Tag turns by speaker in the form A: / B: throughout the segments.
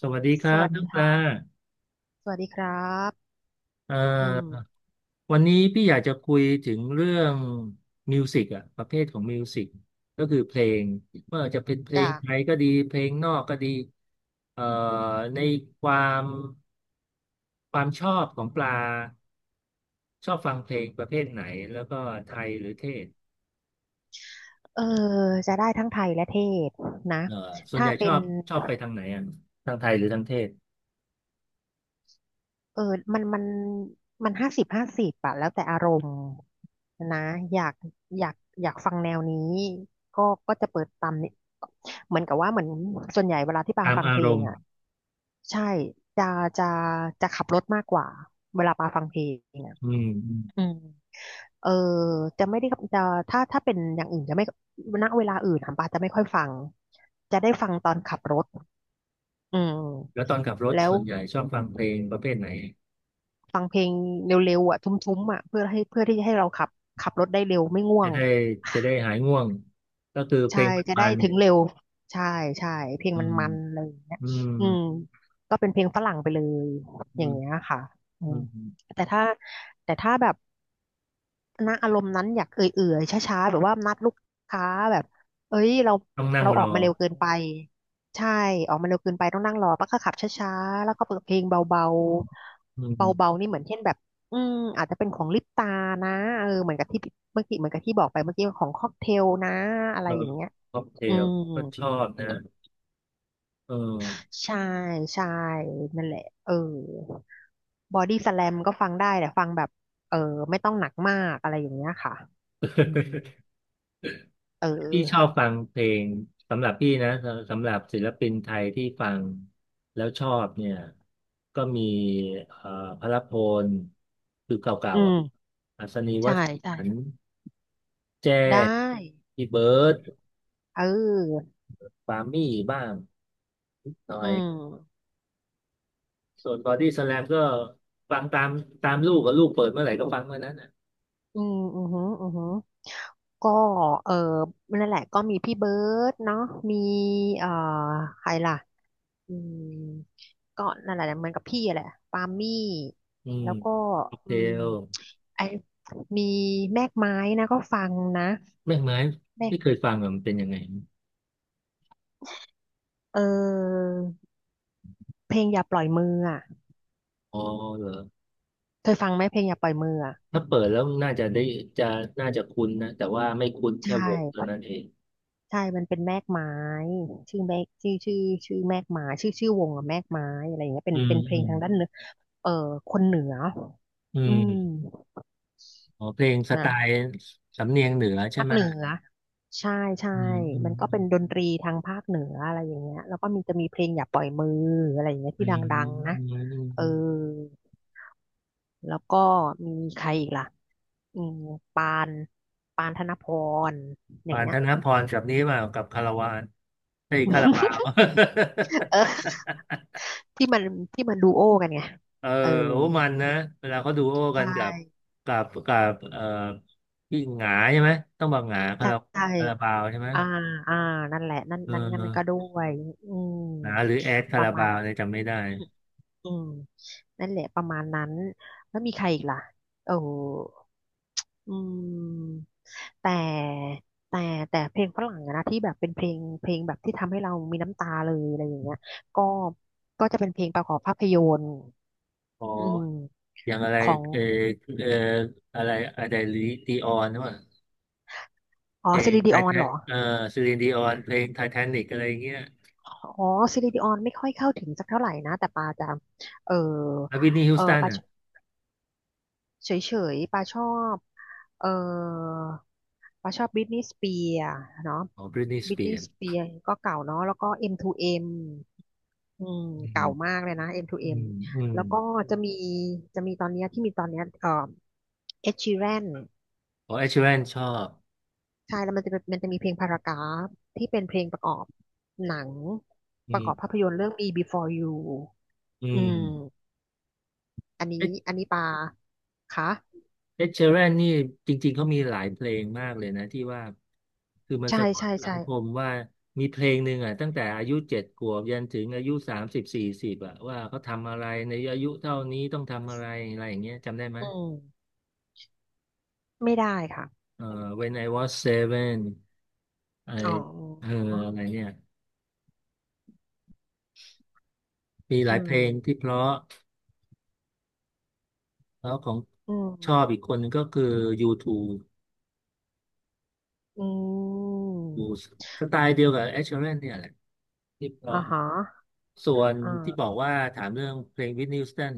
A: สวัสดีค
B: ส
A: รับ
B: วัส
A: น้อ
B: ดี
A: งปลา
B: ค่ะสวัสดีครับ
A: เอ่
B: อื
A: อ
B: ม
A: วันนี้พี่อยากจะคุยถึงเรื่องมิวสิกอะประเภทของมิวสิกก็คือเพลงไม่ว่าจะเป็นเพลง
B: จ้ะ
A: ไทยก็ดีเพลงนอกก็ดีเอ่อในความความชอบของปลาชอบฟังเพลงประเภทไหนแล้วก็ไทยหรือเทศ
B: เออจะได้ทั้งไทยและเทศนะ
A: เอ่อส่วนให
B: ถ้า
A: ญ่ช
B: เป็
A: อ
B: น
A: บไปทางไหนอ่ะทางไทยหรือทางเทศ
B: เออมันมันมัน50/50อะแล้วแต่อารมณ์นะอยากอยากอยากฟังแนวนี้ก็ก็จะเปิดตามนี้เหมือนกับว่าเหมือนส่วนใหญ่เวลาที่ปา
A: ตาม
B: ฟัง
A: อา
B: เพล
A: ร
B: ง
A: มณ์
B: อะใช่จะจะจะขับรถมากกว่าเวลาปาฟังเพลงอะ
A: อืมอืม
B: อืม เออจะไม่ได้จะถ้าเป็นอย่างอื่นจะไม่ณเวลาอื่นอะปาจะไม่ค่อยฟังจะได้ฟังตอนขับรถอื
A: แล้ว
B: ม
A: ตอนขับรถ
B: แล้ว
A: ส่วนใหญ่ชอบฟังเพลงประเภทไหน
B: ฟังเพลงเร็วๆอ่ะทุ้มๆอ่ะเพื่อให้เพื่อที่จะให้เราขับขับรถได้เร็วไม่ง่ว
A: จะ
B: ง
A: ได้หายง่วงก็คือเพ
B: ใช่
A: ลง
B: จะ
A: มั
B: ได้
A: น
B: ถึงเร็วใช่ใช่เพล
A: ๆ
B: ง
A: อื
B: มัน
A: ม
B: มันอะไรอย่างเงี้ย
A: อืม
B: อืมก็เป็นเพลงฝรั่งไปเลย
A: อื
B: อย่าง
A: ม
B: เงี้ยค่ะอื
A: อื
B: ม
A: ม
B: แต่ถ้าแต่ถ้าแบบ ณอารมณ์นั้นอยากเอื่อยๆช้าๆแบบว่านัดลูกค้าแบบเอ้ยเรา
A: ต้องนั่ง
B: เรา
A: ร
B: ออ
A: อ
B: กมาเร็วเกินไปใช่ออกมาเร็วเกินไปต้องนั่งรอป้าก็ขับช้าๆแล้วก็เปิดเพลงเบาๆ
A: อืม
B: เบาๆนี่เหมือนเช่นแบบอืมอาจจะเป็นของลิปตานะเออเหมือนกับที่เมื่อกี้เหมือนกับที่บอกไปเมื่อกี้ของค็อกเทลนะอะ
A: เอ
B: ไร
A: อ
B: อย่างเงี้ย
A: ค็อกเท
B: อื
A: ล
B: ม
A: ก็ชอบนะเออ
B: ใช่ใช่นั่นแหละเออบอดี้สแลมก็ฟังได้แต่ฟังแบบเออไม่ต้องหนักมากอะไรอย่างเงี้ยค่ะอืม เอ
A: พี่ชอบ
B: อ
A: ฟังเพลงสำหรับพี่นะสำหรับศิลปินไทยที่ฟังแล้วชอบเนี่ยก็มีเอ่อพหลพลคือเก่า
B: อื
A: ๆอ่ะ
B: ม
A: อัศนีว
B: ใช่
A: ส
B: ใช่
A: ันต์แจ
B: ได้
A: ้พี่เบิร์ด
B: เออ
A: ปามี่บ้างนิดหน่อ
B: อื
A: ย
B: ม
A: ส่วนบอดี้สแลมก็ฟังตามลูกกับลูกเปิดเมื่อไหร่ก็ฟังเมื่อนั้นน่ะ
B: อืมอือหืออือหือก็เออนั่นแหละก็มีพี่เบิร์ดเนาะมีเอ่อใครล่ะอืมก็นั่นแหละเหมือนกับพี่แหละปามี่
A: อืม
B: แล้วก็
A: โอเค
B: อืม
A: เออ
B: ไอมีแมกไม้นะก็ฟังนะ
A: แม่กไม้
B: แมก
A: ไม่เคยฟังอ่ะมันเป็นยังไง
B: เออเพลงอย่าปล่อยมืออ่ะ
A: อ๋อเหรอ
B: เคยฟังไหมเพลงอย่าปล่อยมืออ่ะ
A: ถ้าเปิดแล้วน่าจะได้จะน่าจะคุ้นนะแต่ว่าไม่คุ้นแค่
B: ใช่
A: วงเท่านั้นเอง
B: ใช่มันเป็นแมกไม้ชื่อแมกชื่อชื่อชื่อแมกไม้ชื่อชื่อวงอะแมกไม้อะไรอย่างเงี้ยเป็น
A: อืม
B: เป็นเพล
A: อื
B: ง
A: ม
B: ทางด้านเนื้อเออคนเหนือ
A: อื
B: อืม
A: มอ๋อเพลงสไต
B: นะ
A: ล์สำเนียงเหนือใช่
B: ภาค
A: ไหม
B: เหนือใช่ใช่
A: อืมอื
B: มั
A: ม
B: นก็เป็นดนตรีทางภาคเหนืออะไรอย่างเงี้ยแล้วก็มีจะมีเพลงอย่าปล่อยมืออะไรอย่างเงี้ย
A: อื
B: ที่ด
A: ม
B: ั
A: อื
B: ง
A: ม
B: ๆนะ
A: อืมอืม
B: เอ
A: อื
B: อ
A: ม
B: แล้วก็มีใครอีกล่ะอืมปานปานธนพรอย่า
A: ปา
B: ง
A: น
B: เงี้
A: ธ
B: ย
A: นพรกับนี้มากับคาราวานเฮ้ยคาราบาว
B: เออที่มันที่มันดูโอกันไง
A: เออ
B: เออ
A: โอ้มันนะเวลาเขาดูโอ้กัน
B: ใช่
A: กับกับพี่หงาใช่ไหมต้องบอกหงาคารา
B: ใช่
A: คาราบาวใช่ไหม
B: อ่าอ่านั่นแหละ นั่น
A: เอ
B: นั่นนั่นก็ด้
A: อ
B: วยอืม
A: หงาหรือแอดคา
B: ประ
A: รา
B: มาณ
A: บาว
B: อ่ะ
A: เนี่ยจำไม่ได้
B: อืมนั่นแหละประมาณนั้นแล้วมีใครอีกล่ะเอออืมแต่แต่แต่เพลงฝรั่งอะนะที่แบบเป็นเพลงเพลงแบบที่ทำให้เรามีน้ำตาเลยอะไรอย่างเงี้ยก็ก็จะเป็นเพลงประกอบภาพยนตร์
A: อ๋อ
B: อืม
A: อย่างอะไร
B: ของ
A: เออเอออะไรอะไรลีดีออนว่า
B: อ๋
A: เพ
B: อ
A: ล
B: ซิ
A: ง
B: ลิดิ
A: ไท
B: ออน
A: ทา
B: เหร
A: น
B: อ
A: เออซีลินดีออนเพลงไททานิกอะไรอย่างเงี้ย
B: อ๋อซิลิดิออนไม่ค่อยเข้าถึงสักเท่าไหร่นะ แต่ปาจะเออ
A: แล้วบริทนีฮิว
B: เออ
A: สตัน
B: ปา
A: อ่ะ
B: เฉยๆปาชอบเออปาชอบบริทนีย์สเปียร์เนาะ
A: อ๋อบริทนีส
B: บริท
A: เปีย
B: นีย์ส
A: ร์
B: เปียร์ก็เก่าเนาะแล้วก็ M2M อมทูเอ็มอืม
A: อื
B: เก่า
A: ม
B: มากเลยนะ
A: อื
B: M2M
A: มอืม
B: แล้วก็จะมีจะมีตอนเนี้ยที่มีตอนเนี้ยh i r a n
A: อ๋อเอชแวนชอบ
B: ใช่แล้วมันจะเป็นมันจะมีเพลงพารากราฟที่เป็นเพลงประกอบหนัง
A: อื
B: ประกอบ
A: ม
B: ภาพยนตร์เรื่อง Me Before You
A: อื
B: อื
A: ม
B: มอันนี้ อันนี้ปาค่ะ
A: เอ็ดเชแรนนี่จริงๆเขามีหลายเพลงมากเลยนะที่ว่าคือมัน
B: ใช่
A: สะท้อน
B: ใช่
A: สัง
B: ใช่
A: คมว่ามีเพลงหนึ่งอ่ะตั้งแต่อายุเจ็ดขวบยันถึงอายุสามสิบสี่สิบอ่ะว่าเขาทำอะไรในอายุเท่านี้ต้องทำอะไรอะไรอย่างเงี้ยจำได้ไหม
B: อืมไม่ได้ค่ะ
A: เอ่อ When I was seven ไอ
B: อ๋อ
A: เอออะไรเนี่ยมีหลา
B: อื
A: ยเพ
B: ม
A: ลงที่เพราะแล้วของ
B: อื
A: ชอบ
B: ม
A: อีกคนนึงก็คือ U2
B: อื
A: ดู
B: ม
A: สไตล์เดียวกับแอชเชอรแลนเนี่ยแหละที่เพราะ
B: อ่าฮะ
A: ส่วนที่บอ
B: อ่า
A: กว่าถามเรื่องเพลงวิทนีย์ฮูสตัน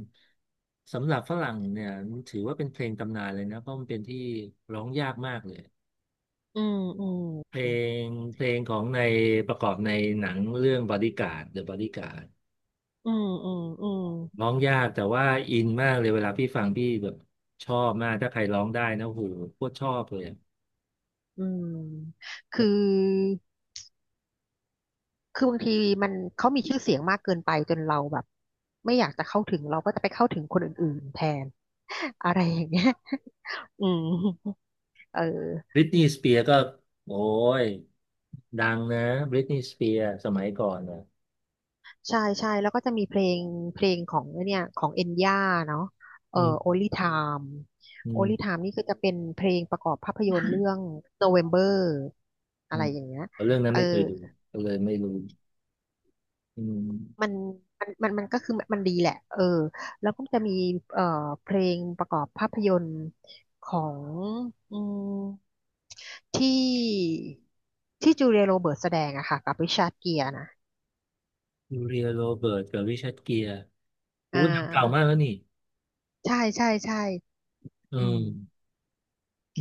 A: สำหรับฝรั่งเนี่ยมันถือว่าเป็นเพลงตำนานเลยนะเพราะมันเป็นที่ร้องยากมากเลย
B: อืมอื
A: เพล
B: ม
A: งเพลงของในประกอบในหนังเรื่องบอดี้การ์ด The Bodyguard
B: อืมอืมอืม
A: ร้องยากแต่ว่าอินมากเลยเวลาพี่ฟังพี่แบบชอบมากถ้าใครร้องได้นะโหโคตรชอบเลย
B: อืมคือคือบางทีมันเขามีชื่อเสียงมากเกินไปจนเราแบบไม่อยากจะเข้าถึงเราก็จะไปเข้าถึงคนอื่นๆแทน อะไรอย่างเงี้ย อืมเออ
A: บริตนีย์สเปียร์ก็โอ้ยดังนะบริตนีย์สเปียร์สมัยก่อนนะ
B: ใช่ใช่แล้วก็จะมีเพลงเพลงของไอ้เนี่ยของเอ็นย่าเนาะ
A: อืม
B: Only Time
A: อื
B: Only
A: ม
B: Time นี่ก็จะเป็นเพลงประกอบภาพยนตร์เรื่อง November
A: อื
B: อะไร
A: ม
B: อย่างเงี้ย
A: เอาเรื่องนั้น
B: เออ
A: ไม่เคยดูก็เลยไม่รู้อืม
B: มันมันมันมันก็คือมันดีแหละเออแล้วก็จะมีเอ่อเพลงประกอบภาพยนตร์ของอืมที่ที่จูเลียโรเบิร์ตแสดงอะค่ะกับริชาร์ดเกียร์นะ
A: ยูเรียโรเบิร์ตกับริชาร์ดเกียร์
B: อ่
A: โอู้หนังเก่ามา
B: า
A: กแล้วนี่
B: ใช่ใช่ใช่
A: อื
B: อืม
A: ม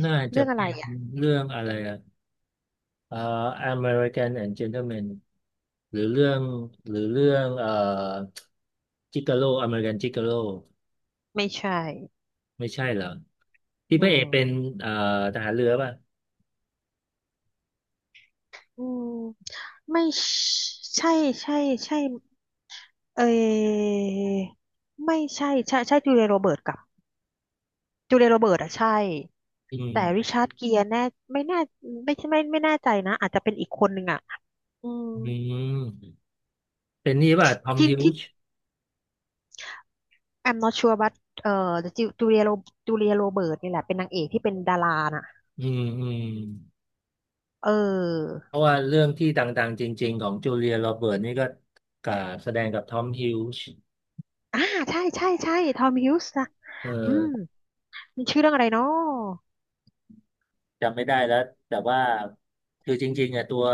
A: น่าจะ
B: เรื่องอะ
A: เป็
B: ไร
A: นเรื่องอะไรอะเอ่อ American and Gentleman หรือเรื่องหรือเรื่องจิกาโลอเมริกันจิกาโล
B: ไม่ใช่
A: ไม่ใช่เหรอที่
B: อื
A: พระเอกเป็น
B: ม
A: เอ่อทหารเรือป่ะ
B: อืมไม่ใช่ ใช่ใช่ใช่เอยไม่ใช่ใช่ใช่จูเลียโรเบิร์ตกับจูเลียโรเบิร์ตอะใช่
A: อื
B: แต่ริ
A: ม
B: ชาร์ดเกียร์แน่ไม่แน่ไม่ใช่ไม่ไม่แน่ใจนะอาจจะเป็นอีกคนหนึ่งอะอืม
A: อืมเป็นนี่ป่ะทอม
B: ที่
A: ฮิว
B: ที่
A: จ์
B: I'm not sure but เอ่อจูจูเลียโรจูเลียโรเบิร์ตนี่แหละเป็นนางเอกที่เป็นดาราน่ะ
A: อืมอืม
B: เออ
A: เพราะว่าเรื่องที่ต่างๆจริงๆของจูเลียโรเบิร์ตนี่ก็กับแสดงกับทอมฮิลจ์
B: อ่าใช่ใช่ใช่ทอมฮิวส์นะ
A: เอ
B: อืม
A: อ
B: มันชื่อเรื่องอะไรเนาะ
A: จำไม่ได้แล้วแต่ว่าคือจริงๆอ่ะตัว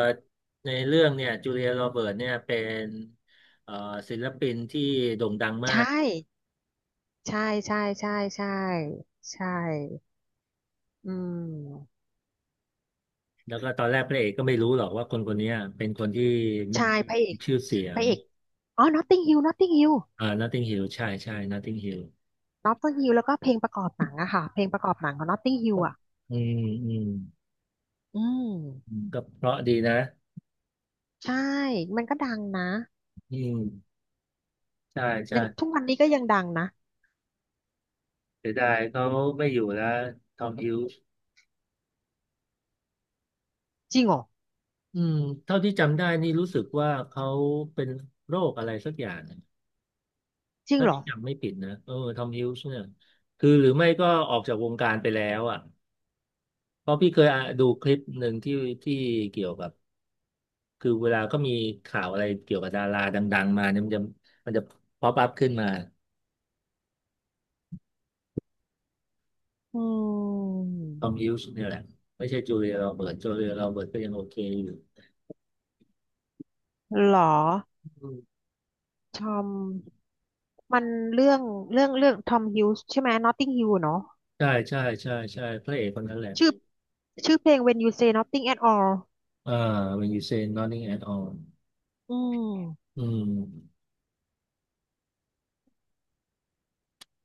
A: ในเรื่องเนี่ยจูเลียโรเบิร์ตเนี่ยเป็นเอ่อศิลปินที่โด่งดัง
B: ใช
A: มาก
B: ่ ใช่ใช่ใช่ใช่ใช่อืม
A: แล้วก็ตอนแรกพระเอกก็ไม่รู้หรอกว่าคนคนเนี้ยเป็นคนที่
B: ใช่พระเอ
A: มี
B: ก
A: ชื่อเสีย
B: พ
A: ง
B: ระเอกอ๋อ Notting Hill Notting Hill
A: อ่า Notting Hill ใช่ใช่ Notting Hill
B: Notting Hill แล้วก็เพลงประกอบหนังอะค่ะเพลงประกอบหนังของ Notting Hill อะ
A: อืมอืม
B: อื
A: อื
B: ม
A: มก็เพราะดีนะ
B: ใช่ มันก็ดังนะ
A: อืมใช่ใช่
B: ยังทุกวันนี้ก็ยังดังนะ
A: เสียดายเขาไม่อยู่แล้วทอมฮิวส์
B: จริงเหรอ
A: อืมเท่าที่จำได้นี่รู้สึกว่าเขาเป็นโรคอะไรสักอย่างนะ
B: จริง
A: ถ้า
B: เหรอ
A: ที่จำไม่ผิดนะเออทอมฮิวส์เนี่ยคือหรือไม่ก็ออกจากวงการไปแล้วอ่ะเพราะพี่เคยอ่ะดูคลิปหนึ่งที่ที่เกี่ยวกับคือเวลาก็มีข่าวอะไรเกี่ยวกับดาราดังๆมาเนี่ยมันจะป๊อปอัพขึ้นมา
B: อื
A: ทอมฮิ
B: ม
A: วส์เนี่ยแหละไม่ใช่จูเลียโรเบิร์ตจูเลียโรเบิร์ตก็ยังโอเคอยู่
B: เหรอ
A: อืม
B: ทอมมันเรื่องเรื่องเรื่องทอมฮิวส์ใช่ไหม Notting Hill เนาะ
A: ใช่ใช่ใช่ใช่พระเอกคนนั้นแหละ
B: ชื่อชื่อเพลง When You Say Nothing at All
A: อ่า when you say nothing at all
B: อืม
A: อืม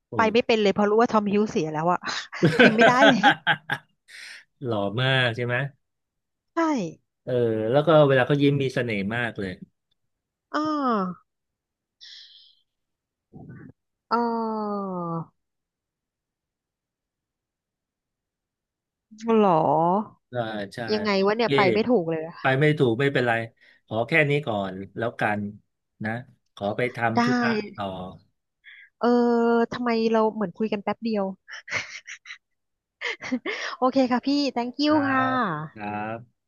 A: โอ้
B: ไปไม่เป็นเลยเพราะรู้ว่าทอมฮิวส์เสียแล้วอะ พิมพ์ไม่ได้เลย
A: หล่อมากใช่ไหม
B: ใช่
A: เออแล้วก็เวลาเขายิ้มมีเสน่ห์มากเลย
B: อ่าอ่าหรอ
A: อ่าใช่
B: ยังไง
A: โอ
B: วะ
A: เค
B: เนี่ยไปไม่ถูกเลยอะ
A: ไปไม่ถูกไม่เป็นไรขอแค่นี้ก่อนแล้วกันนะขอไป
B: ได้
A: ทำธุระต่อ
B: เออทำไมเราเหมือนคุยกันแป๊บเดียวโอเคค่ะพี่ thank
A: ค
B: you
A: รั
B: ค่
A: บครั
B: ะ
A: บ